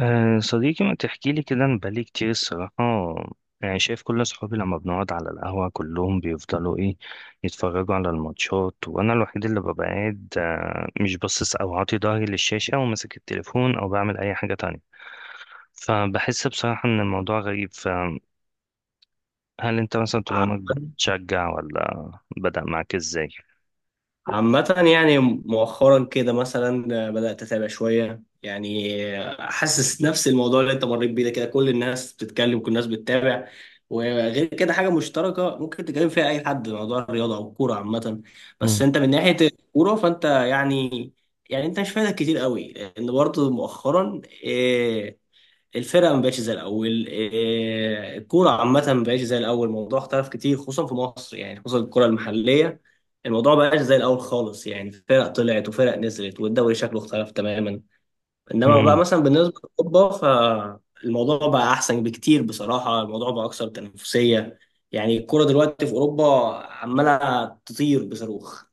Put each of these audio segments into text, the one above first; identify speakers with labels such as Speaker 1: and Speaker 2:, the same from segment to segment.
Speaker 1: أه صديقي ما تحكي لي كده، انا بقالي كتير الصراحة. يعني شايف كل اصحابي لما بنقعد على القهوة كلهم بيفضلوا ايه، يتفرجوا على الماتشات، وانا الوحيد اللي ببقى قاعد مش باصص او عاطي ظهري للشاشة وماسك التليفون او بعمل اي حاجة تانية. فبحس بصراحة ان الموضوع غريب. فهل انت مثلا طول
Speaker 2: عامة.
Speaker 1: عمرك بتشجع، ولا بدأ معاك ازاي؟
Speaker 2: يعني مؤخرا كده مثلا بدأت أتابع شوية يعني. حاسس نفس الموضوع اللي أنت مريت بيه ده، كده كل الناس بتتكلم، كل الناس بتتابع. وغير كده حاجة مشتركة ممكن تتكلم فيها أي حد، موضوع الرياضة أو الكورة عامة. بس أنت من ناحية الكورة فأنت يعني، أنت مش فايدك كتير قوي، لأن برضه مؤخرا آه، الفرقه ما بقتش زي الاول، الكوره عامه ما بقتش زي الاول، الموضوع اختلف كتير خصوصا في مصر، يعني خصوصا الكوره المحليه. الموضوع ما بقاش زي الاول خالص، يعني فرق طلعت وفرق نزلت والدوري شكله اختلف تماما. انما بقى
Speaker 1: مم.
Speaker 2: مثلا بالنسبه لاوروبا فالموضوع بقى احسن بكتير، بصراحه الموضوع بقى اكثر تنافسيه. يعني الكوره دلوقتي في اوروبا عماله تطير بصاروخ.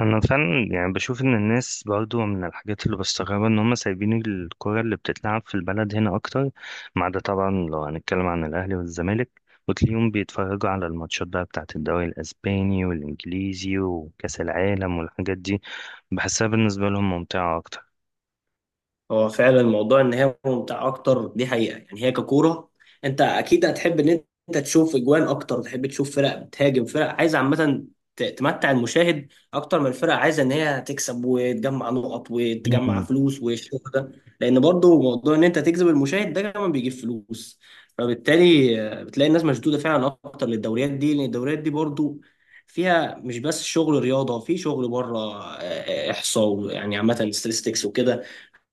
Speaker 1: انا فعلا يعني بشوف ان الناس برضو من الحاجات اللي بستغربها ان هم سايبين الكرة اللي بتتلعب في البلد هنا اكتر، ما عدا طبعا لو هنتكلم عن الاهلي والزمالك، وتلاقيهم بيتفرجوا على الماتشات بقى بتاعت الدوري الاسباني والانجليزي وكاس العالم والحاجات دي. بحسها بالنسبة لهم ممتعة اكتر.
Speaker 2: هو فعلا الموضوع ان هي ممتعه اكتر، دي حقيقه، يعني هي ككوره. انت اكيد هتحب ان انت تشوف اجوان اكتر، تحب تشوف فرق بتهاجم، فرق عايزه عامه تمتع المشاهد اكتر من الفرق عايزه ان هي تكسب وتجمع نقط وتجمع فلوس والشغل ده. لان برضو موضوع ان انت تجذب المشاهد ده كمان بيجيب فلوس. فبالتالي بتلاقي الناس مشدوده فعلا اكتر للدوريات دي، لان الدوريات دي برضو فيها مش بس شغل رياضه، في شغل بره، احصاء يعني، عامه ستاتستكس وكده،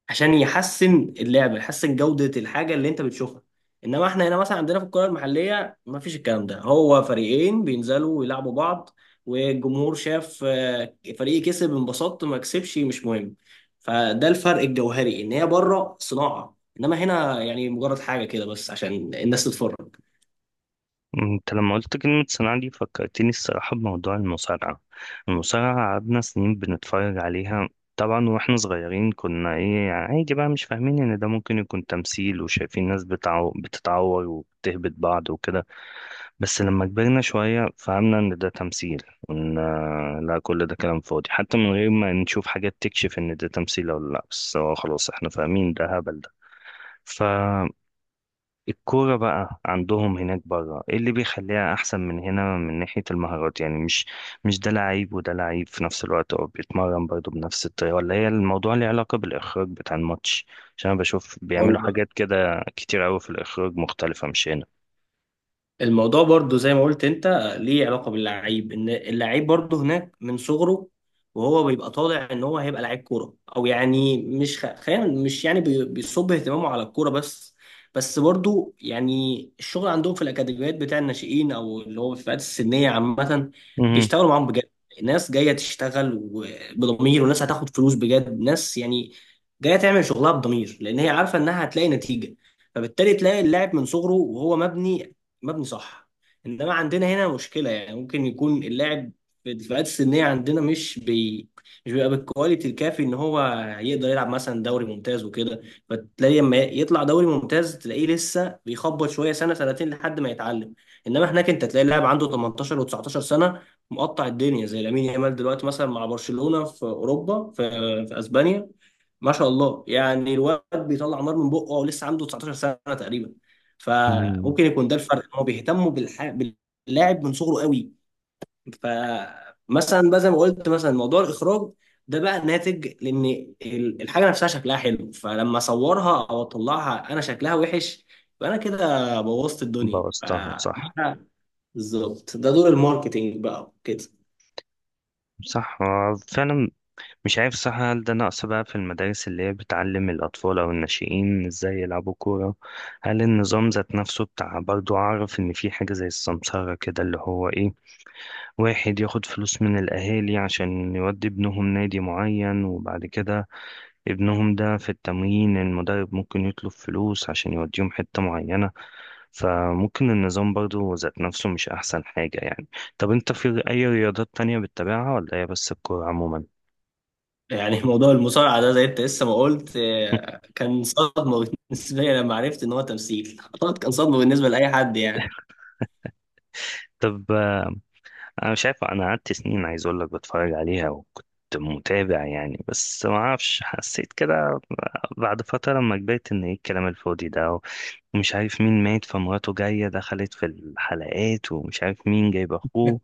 Speaker 2: عشان يحسن اللعبه، يحسن جوده الحاجه اللي انت بتشوفها. انما احنا هنا مثلا عندنا في الكره المحليه ما فيش الكلام ده، هو فريقين بينزلوا ويلعبوا بعض والجمهور شاف فريق كسب انبسطت، ما كسبش مش مهم. فده الفرق الجوهري، ان هي بره صناعه، انما هنا يعني مجرد حاجه كده بس عشان الناس تتفرج.
Speaker 1: انت لما قلت كلمة صناعة دي فكرتني الصراحة بموضوع المصارعة. المصارعة قعدنا سنين بنتفرج عليها. طبعا واحنا صغيرين كنا ايه يعني، عادي بقى، مش فاهمين ان ده ممكن يكون تمثيل، وشايفين ناس بتتعور وبتهبط بعض وكده. بس لما كبرنا شوية فهمنا ان ده تمثيل، وان لا، كل ده كلام فاضي، حتى من غير ما نشوف حاجات تكشف ان ده تمثيل ولا لا، بس هو خلاص احنا فاهمين ده هبل. ده الكورة بقى عندهم هناك بره، ايه اللي بيخليها احسن من هنا من ناحية المهارات؟ يعني مش ده لعيب وده لعيب في نفس الوقت، او بيتمرن برضه بنفس الطريقة، ولا هي الموضوع ليه علاقة بالاخراج بتاع الماتش؟ عشان انا بشوف بيعملوا حاجات كده كتير قوي في الاخراج مختلفة مش هنا.
Speaker 2: الموضوع برضو زي ما قلت انت ليه علاقة باللعيب، ان اللعيب برضو هناك من صغره وهو بيبقى طالع ان هو هيبقى لعيب كورة، او يعني مش خلينا مش يعني بيصب اهتمامه على الكورة بس. بس برضو يعني الشغل عندهم في الاكاديميات بتاع الناشئين، او اللي هو في الفئات السنية عامة،
Speaker 1: امم
Speaker 2: بيشتغلوا معاهم بجد. ناس جاية تشتغل بضمير، وناس هتاخد فلوس بجد، ناس يعني جاية تعمل شغلها بضمير لان هي عارفة انها هتلاقي نتيجة. فبالتالي تلاقي اللاعب من صغره وهو مبني، مبني صح. انما عندنا هنا مشكله، يعني ممكن يكون اللاعب في الفئات السنيه عندنا مش بيبقى بالكواليتي الكافي ان هو يقدر يلعب مثلا دوري ممتاز وكده. فتلاقي لما يطلع دوري ممتاز تلاقيه لسه بيخبط شويه سنه سنتين لحد ما يتعلم. انما هناك انت تلاقي لاعب عنده 18 و19 سنه، مقطع الدنيا زي لامين يامال دلوقتي مثلا مع برشلونه في اوروبا، في اسبانيا. ما شاء الله يعني الواد بيطلع نار من بقه، ولسه عنده 19 سنه تقريبا. فممكن يكون ده الفرق، ان هو بيهتموا باللاعب من صغره قوي. فمثلا بقى زي ما قلت، مثلا موضوع الاخراج ده بقى ناتج لان الحاجه نفسها شكلها حلو، فلما اصورها او اطلعها انا شكلها وحش، يبقى انا كده بوظت الدنيا.
Speaker 1: بوظتها صح.
Speaker 2: فده بالظبط ده دور الماركتينج بقى كده.
Speaker 1: صح، هو فعلا. مش عارف صح، هل ده نقص بقى في المدارس اللي هي بتعلم الأطفال أو الناشئين إزاي يلعبوا كورة؟ هل النظام ذات نفسه بتاع، برضو أعرف إن في حاجة زي السمسرة كده اللي هو إيه، واحد ياخد فلوس من الأهالي عشان يودي ابنهم نادي معين، وبعد كده ابنهم ده في التمرين المدرب ممكن يطلب فلوس عشان يوديهم حتة معينة. فممكن النظام برضو ذات نفسه مش أحسن حاجة يعني. طب أنت في أي رياضات تانية بتتابعها، ولا هي بس الكورة عموما؟
Speaker 2: يعني موضوع المصارعه ده زي انت لسه ما قلت، كان صدمه بالنسبه لي لما عرفت ان هو تمثيل، اعتقد كان صدمه بالنسبه لاي حد يعني.
Speaker 1: طب انا مش عارف، انا قعدت سنين عايز اقول لك بتفرج عليها، وكنت متابع يعني، بس ما اعرفش حسيت كده بعد فتره لما كبرت ان ايه الكلام الفاضي ده، ومش عارف مين مات فمراته جايه دخلت في الحلقات، ومش عارف مين جايب اخوه.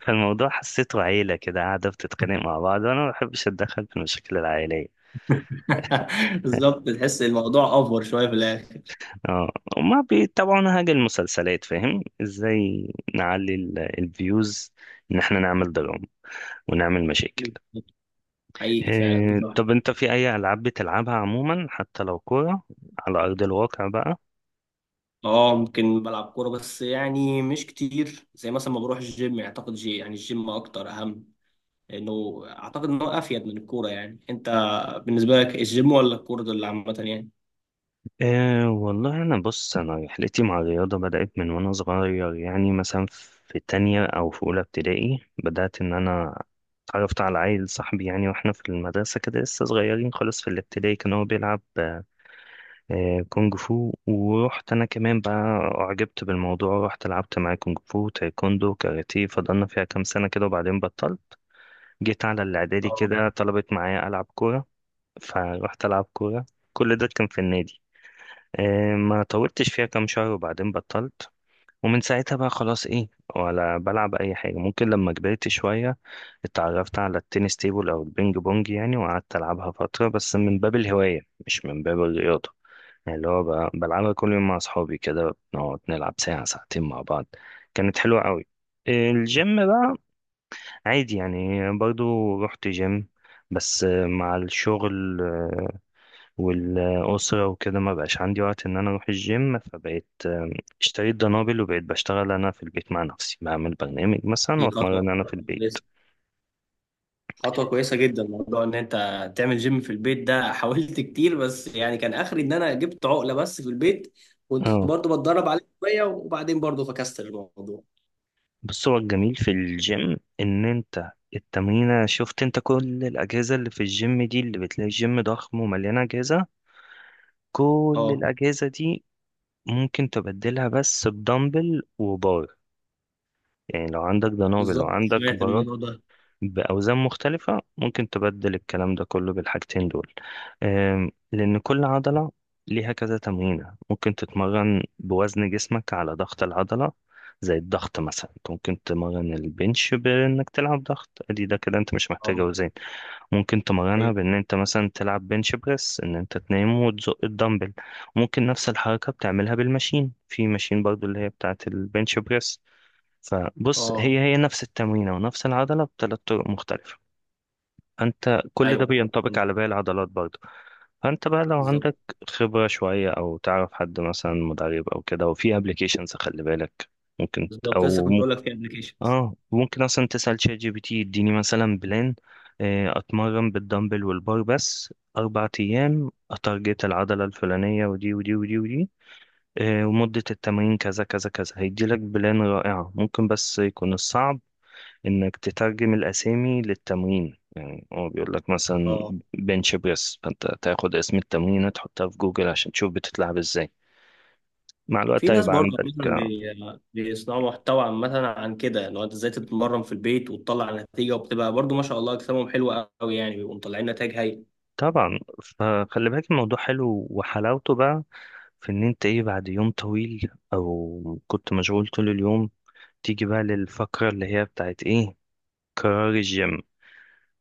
Speaker 1: فالموضوع حسيته عيله كده قاعده بتتخانق مع بعض، وانا ما بحبش اتدخل في المشاكل العائليه.
Speaker 2: بالظبط، تحس الموضوع افور شويه في الاخر.
Speaker 1: اه، وما بيتابعونا حاجه المسلسلات، فاهم، ازاي نعلي الفيوز، ان احنا نعمل دراما ونعمل مشاكل.
Speaker 2: حقيقي فعلا بالظبط.
Speaker 1: طب انت في اي العاب بتلعبها عموما، حتى لو كوره على ارض الواقع بقى؟
Speaker 2: اه، ممكن بلعب كوره بس يعني مش كتير، زي مثلا ما بروح الجيم. اعتقد جي يعني الجيم اكتر اهم، لانه اعتقد ان هو افيد من الكوره. يعني انت بالنسبه لك الجيم ولا الكوره دول عامه يعني؟
Speaker 1: إيه والله، انا بص، انا رحلتي مع الرياضه بدات من وانا صغير يعني. مثلا في تانية او في اولى ابتدائي بدات ان انا اتعرفت على عيل صاحبي يعني، واحنا في المدرسه كده لسه صغيرين خالص في الابتدائي، كان هو بيلعب كونج فو، ورحت انا كمان بقى، اعجبت بالموضوع، رحت لعبت معاه كونج فو، تايكوندو، كاراتيه. فضلنا فيها كام سنه كده وبعدين بطلت. جيت على الإعدادي
Speaker 2: اه
Speaker 1: كده طلبت معايا ألعب كورة، فروحت ألعب كورة. كل ده كان في النادي. ما طولتش فيها كام شهر وبعدين بطلت. ومن ساعتها بقى خلاص إيه، ولا بلعب أي حاجة. ممكن لما كبرت شوية اتعرفت على التنس تيبل أو البينج بونج يعني، وقعدت ألعبها فترة بس من باب الهواية، مش من باب الرياضة. يعني اللي هو بلعبها كل يوم مع أصحابي، كده بنقعد نلعب ساعة ساعتين مع بعض. كانت حلوة قوي. الجيم بقى عادي يعني، برضو رحت جيم، بس مع الشغل والأسرة وكده ما بقاش عندي وقت إن أنا أروح الجيم. فبقيت اشتريت دنابل، وبقيت بشتغل أنا في البيت مع نفسي، بعمل برنامج
Speaker 2: دي
Speaker 1: مثلا
Speaker 2: خطوه
Speaker 1: وأتمرن أنا في البيت.
Speaker 2: كويسه، خطوه كويسه جدا موضوع ان انت تعمل جيم في البيت ده. حاولت كتير بس يعني كان اخري ان انا جبت عقله بس في البيت، كنت
Speaker 1: اه،
Speaker 2: برضو بتدرب عليه شويه، وبعدين برضو فكست الموضوع.
Speaker 1: بس هو الجميل في الجيم، إن أنت التمرينة، شفت أنت كل الأجهزة اللي في الجيم دي، اللي بتلاقي الجيم ضخم ومليانة أجهزة، كل
Speaker 2: اه.
Speaker 1: الأجهزة دي ممكن تبدلها بس بدمبل وبار. يعني لو عندك دنابل
Speaker 2: بالظبط
Speaker 1: وعندك
Speaker 2: سمعت
Speaker 1: بارات
Speaker 2: الموضوع ده.
Speaker 1: بأوزان مختلفة، ممكن تبدل الكلام ده كله بالحاجتين دول. لأن كل عضلة ليها كذا تمرينة، ممكن تتمرن بوزن جسمك على ضغط العضلة. زي الضغط مثلا، أنت ممكن تمرن البنش بإنك تلعب ضغط، أدي ده كده أنت مش محتاج
Speaker 2: اه.
Speaker 1: أوزان. ممكن تمرنها
Speaker 2: ايوه.
Speaker 1: بإن أنت مثلا تلعب بنش بريس، إن أنت تنام وتزق الدمبل. ممكن نفس الحركة بتعملها بالماشين، في ماشين برضو اللي هي بتاعة البنش بريس. فبص، هي
Speaker 2: اه
Speaker 1: هي نفس التمرينة ونفس العضلة بثلاث طرق مختلفة. فأنت كل ده
Speaker 2: ايوه
Speaker 1: بينطبق
Speaker 2: برضه.
Speaker 1: على باقي العضلات برضه. فأنت بقى لو
Speaker 2: بالظبط.
Speaker 1: عندك خبرة شوية، أو تعرف حد مثلا مدرب أو كده، وفي أبلكيشنز خلي بالك، ممكن ت-
Speaker 2: بالظبط، لسه
Speaker 1: أو
Speaker 2: كنت
Speaker 1: م...
Speaker 2: اقول لك في ابلكيشنز.
Speaker 1: آه، ممكن أصلا تسأل شات جي بي تي، يديني مثلا بلان، أتمرن بالدمبل والبار بس 4 أيام، أتارجت العضلة الفلانية ودي ودي ودي ودي، ومدة التمرين كذا كذا كذا. هيديلك بلان رائعة، ممكن بس يكون الصعب انك تترجم الاسامي للتمرين. يعني هو بيقول لك مثلا
Speaker 2: اه،
Speaker 1: بنش بريس، فانت تاخد اسم التمرينه تحطها في جوجل عشان تشوف بتتلعب ازاي. مع الوقت
Speaker 2: في ناس
Speaker 1: هيبقى
Speaker 2: برضه
Speaker 1: عندك
Speaker 2: مثلا بيصنعوا محتوى عامة عن كده، ان هو انت ازاي تتمرن في البيت وتطلع نتيجة، وبتبقى برضه ما شاء الله اجسامهم حلوة قوي، يعني بيبقوا مطلعين نتائج هايلة.
Speaker 1: طبعا. فخلي بالك الموضوع حلو، وحلاوته بقى في ان انت ايه، بعد يوم طويل او كنت مشغول طول اليوم، تيجي بقى للفقرة اللي هي بتاعت ايه، قرار الجيم،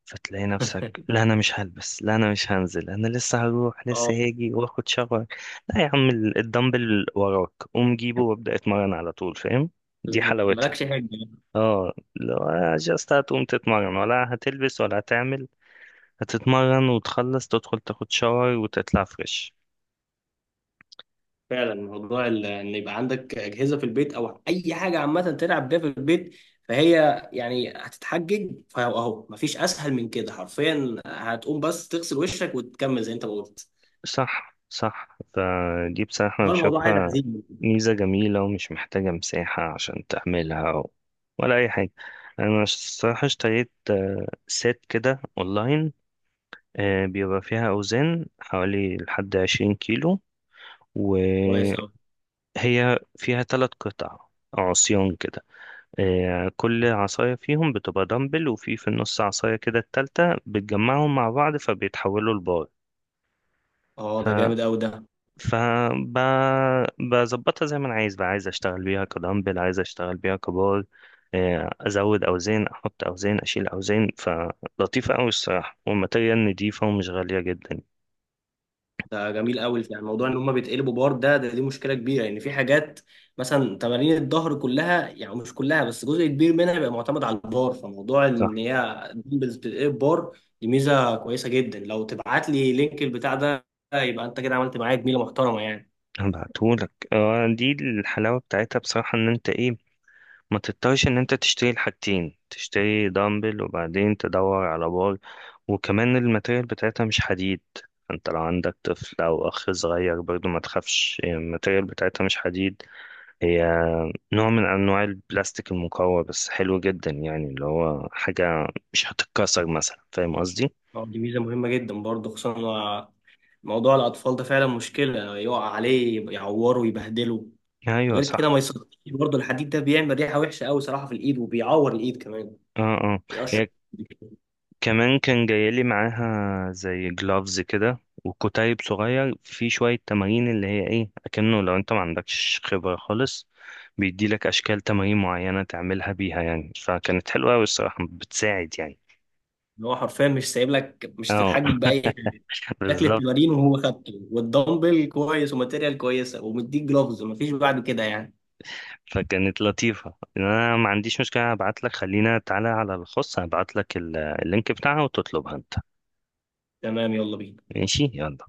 Speaker 1: فتلاقي نفسك لا انا مش هلبس، لا انا مش هنزل، انا لسه هروح،
Speaker 2: اه
Speaker 1: لسه هاجي واخد شاور. لا يا عم، الدمبل وراك، قوم جيبه وابدأ اتمرن على طول، فاهم؟ دي
Speaker 2: بالظبط،
Speaker 1: حلاوتها.
Speaker 2: مالكش حاجة.
Speaker 1: اه، لو جاست هتقوم تتمرن ولا هتلبس ولا هتعمل، هتتمرن وتخلص تدخل تاخد شاور وتطلع فريش.
Speaker 2: فعلا موضوع ان يبقى عندك اجهزه في البيت او اي حاجه عامه تلعب بيها في البيت، فهي يعني هتتحجج، فاهو اهو مفيش اسهل من كده حرفيا، هتقوم بس تغسل وشك وتكمل زي انت ما قلت.
Speaker 1: صح صح، فدي بصراحة أنا
Speaker 2: والله الموضوع عايز
Speaker 1: بشوفها
Speaker 2: عزيمه.
Speaker 1: ميزة جميلة، ومش محتاجة مساحة عشان تعملها ولا أي حاجة. أنا الصراحة اشتريت سيت كده أونلاين، بيبقى فيها أوزان حوالي لحد 20 كيلو،
Speaker 2: كويس
Speaker 1: وهي
Speaker 2: قوي.
Speaker 1: فيها تلات قطع عصيان كده. كل عصاية فيهم بتبقى دمبل، وفي في النص عصاية كده التالتة بتجمعهم مع بعض فبيتحولوا لبار.
Speaker 2: اه ده جامد قوي ده.
Speaker 1: فبظبطها زي ما انا عايز بقى، عايز اشتغل بيها كدمبل، عايز اشتغل بيها كبار، ازود اوزان، احط اوزان، اشيل اوزان. فلطيفه قوي الصراحه، والماتيريال نضيفه ومش غاليه جدا.
Speaker 2: ده جميل قوي، يعني موضوع ان هم بيتقلبوا بار ده، دي مشكله كبيره، لان يعني في حاجات مثلا تمارين الظهر كلها، يعني مش كلها بس جزء كبير منها بيبقى معتمد على البار، فموضوع
Speaker 1: صح.
Speaker 2: ان هي دمبلز بتتقلب بار دي ميزه كويسه جدا. لو تبعت لي لينك البتاع ده يبقى انت كده عملت معايا جميله محترمه يعني.
Speaker 1: هبعتهولك. دي الحلاوه بتاعتها بصراحه، ان انت ايه، ما تضطرش ان انت تشتري الحاجتين، تشتري دمبل وبعدين تدور على بار. وكمان الماتيريال بتاعتها مش حديد. انت لو عندك طفل او اخ صغير برضو ما تخافش، الماتيريال بتاعتها مش حديد. هي نوع من أنواع البلاستيك المقوى بس حلو جدا يعني، اللي هو حاجة مش هتتكسر مثلا، فاهم قصدي؟
Speaker 2: دي ميزه مهمه جدا برضه، خصوصا إن موضوع الاطفال ده فعلا مشكله، يقع عليه يعوره يبهدله.
Speaker 1: أيوة
Speaker 2: وغير
Speaker 1: صح.
Speaker 2: كده ما يصدقش برضه الحديد ده بيعمل ريحه وحشه قوي صراحه في الايد، وبيعور الايد كمان،
Speaker 1: اه اه.
Speaker 2: بيقشر.
Speaker 1: هي كمان كان جايلي معاها زي جلافز كده، وكتيب صغير في شوية تمارين اللي هي ايه، أكنه لو انت ما عندكش خبرة خالص، بيديلك أشكال تمارين معينة تعملها بيها، يعني فكانت حلوة أوي الصراحة، بتساعد يعني.
Speaker 2: اللي هو حرفيا مش سايب لك مش
Speaker 1: اه.
Speaker 2: تتحجج باي حاجه. شكل
Speaker 1: بالظبط.
Speaker 2: التمارين وهو خدته، والدمبل كويس، وماتيريال كويسه، ومديك جلوفز، ومفيش بعد كده يعني.
Speaker 1: فكانت لطيفة. انا ما عنديش مشكلة، ابعت لك، خلينا تعالى على الخاص ابعت لك اللينك بتاعها وتطلبها انت.
Speaker 2: تمام، يلا بينا.
Speaker 1: ماشي يلا.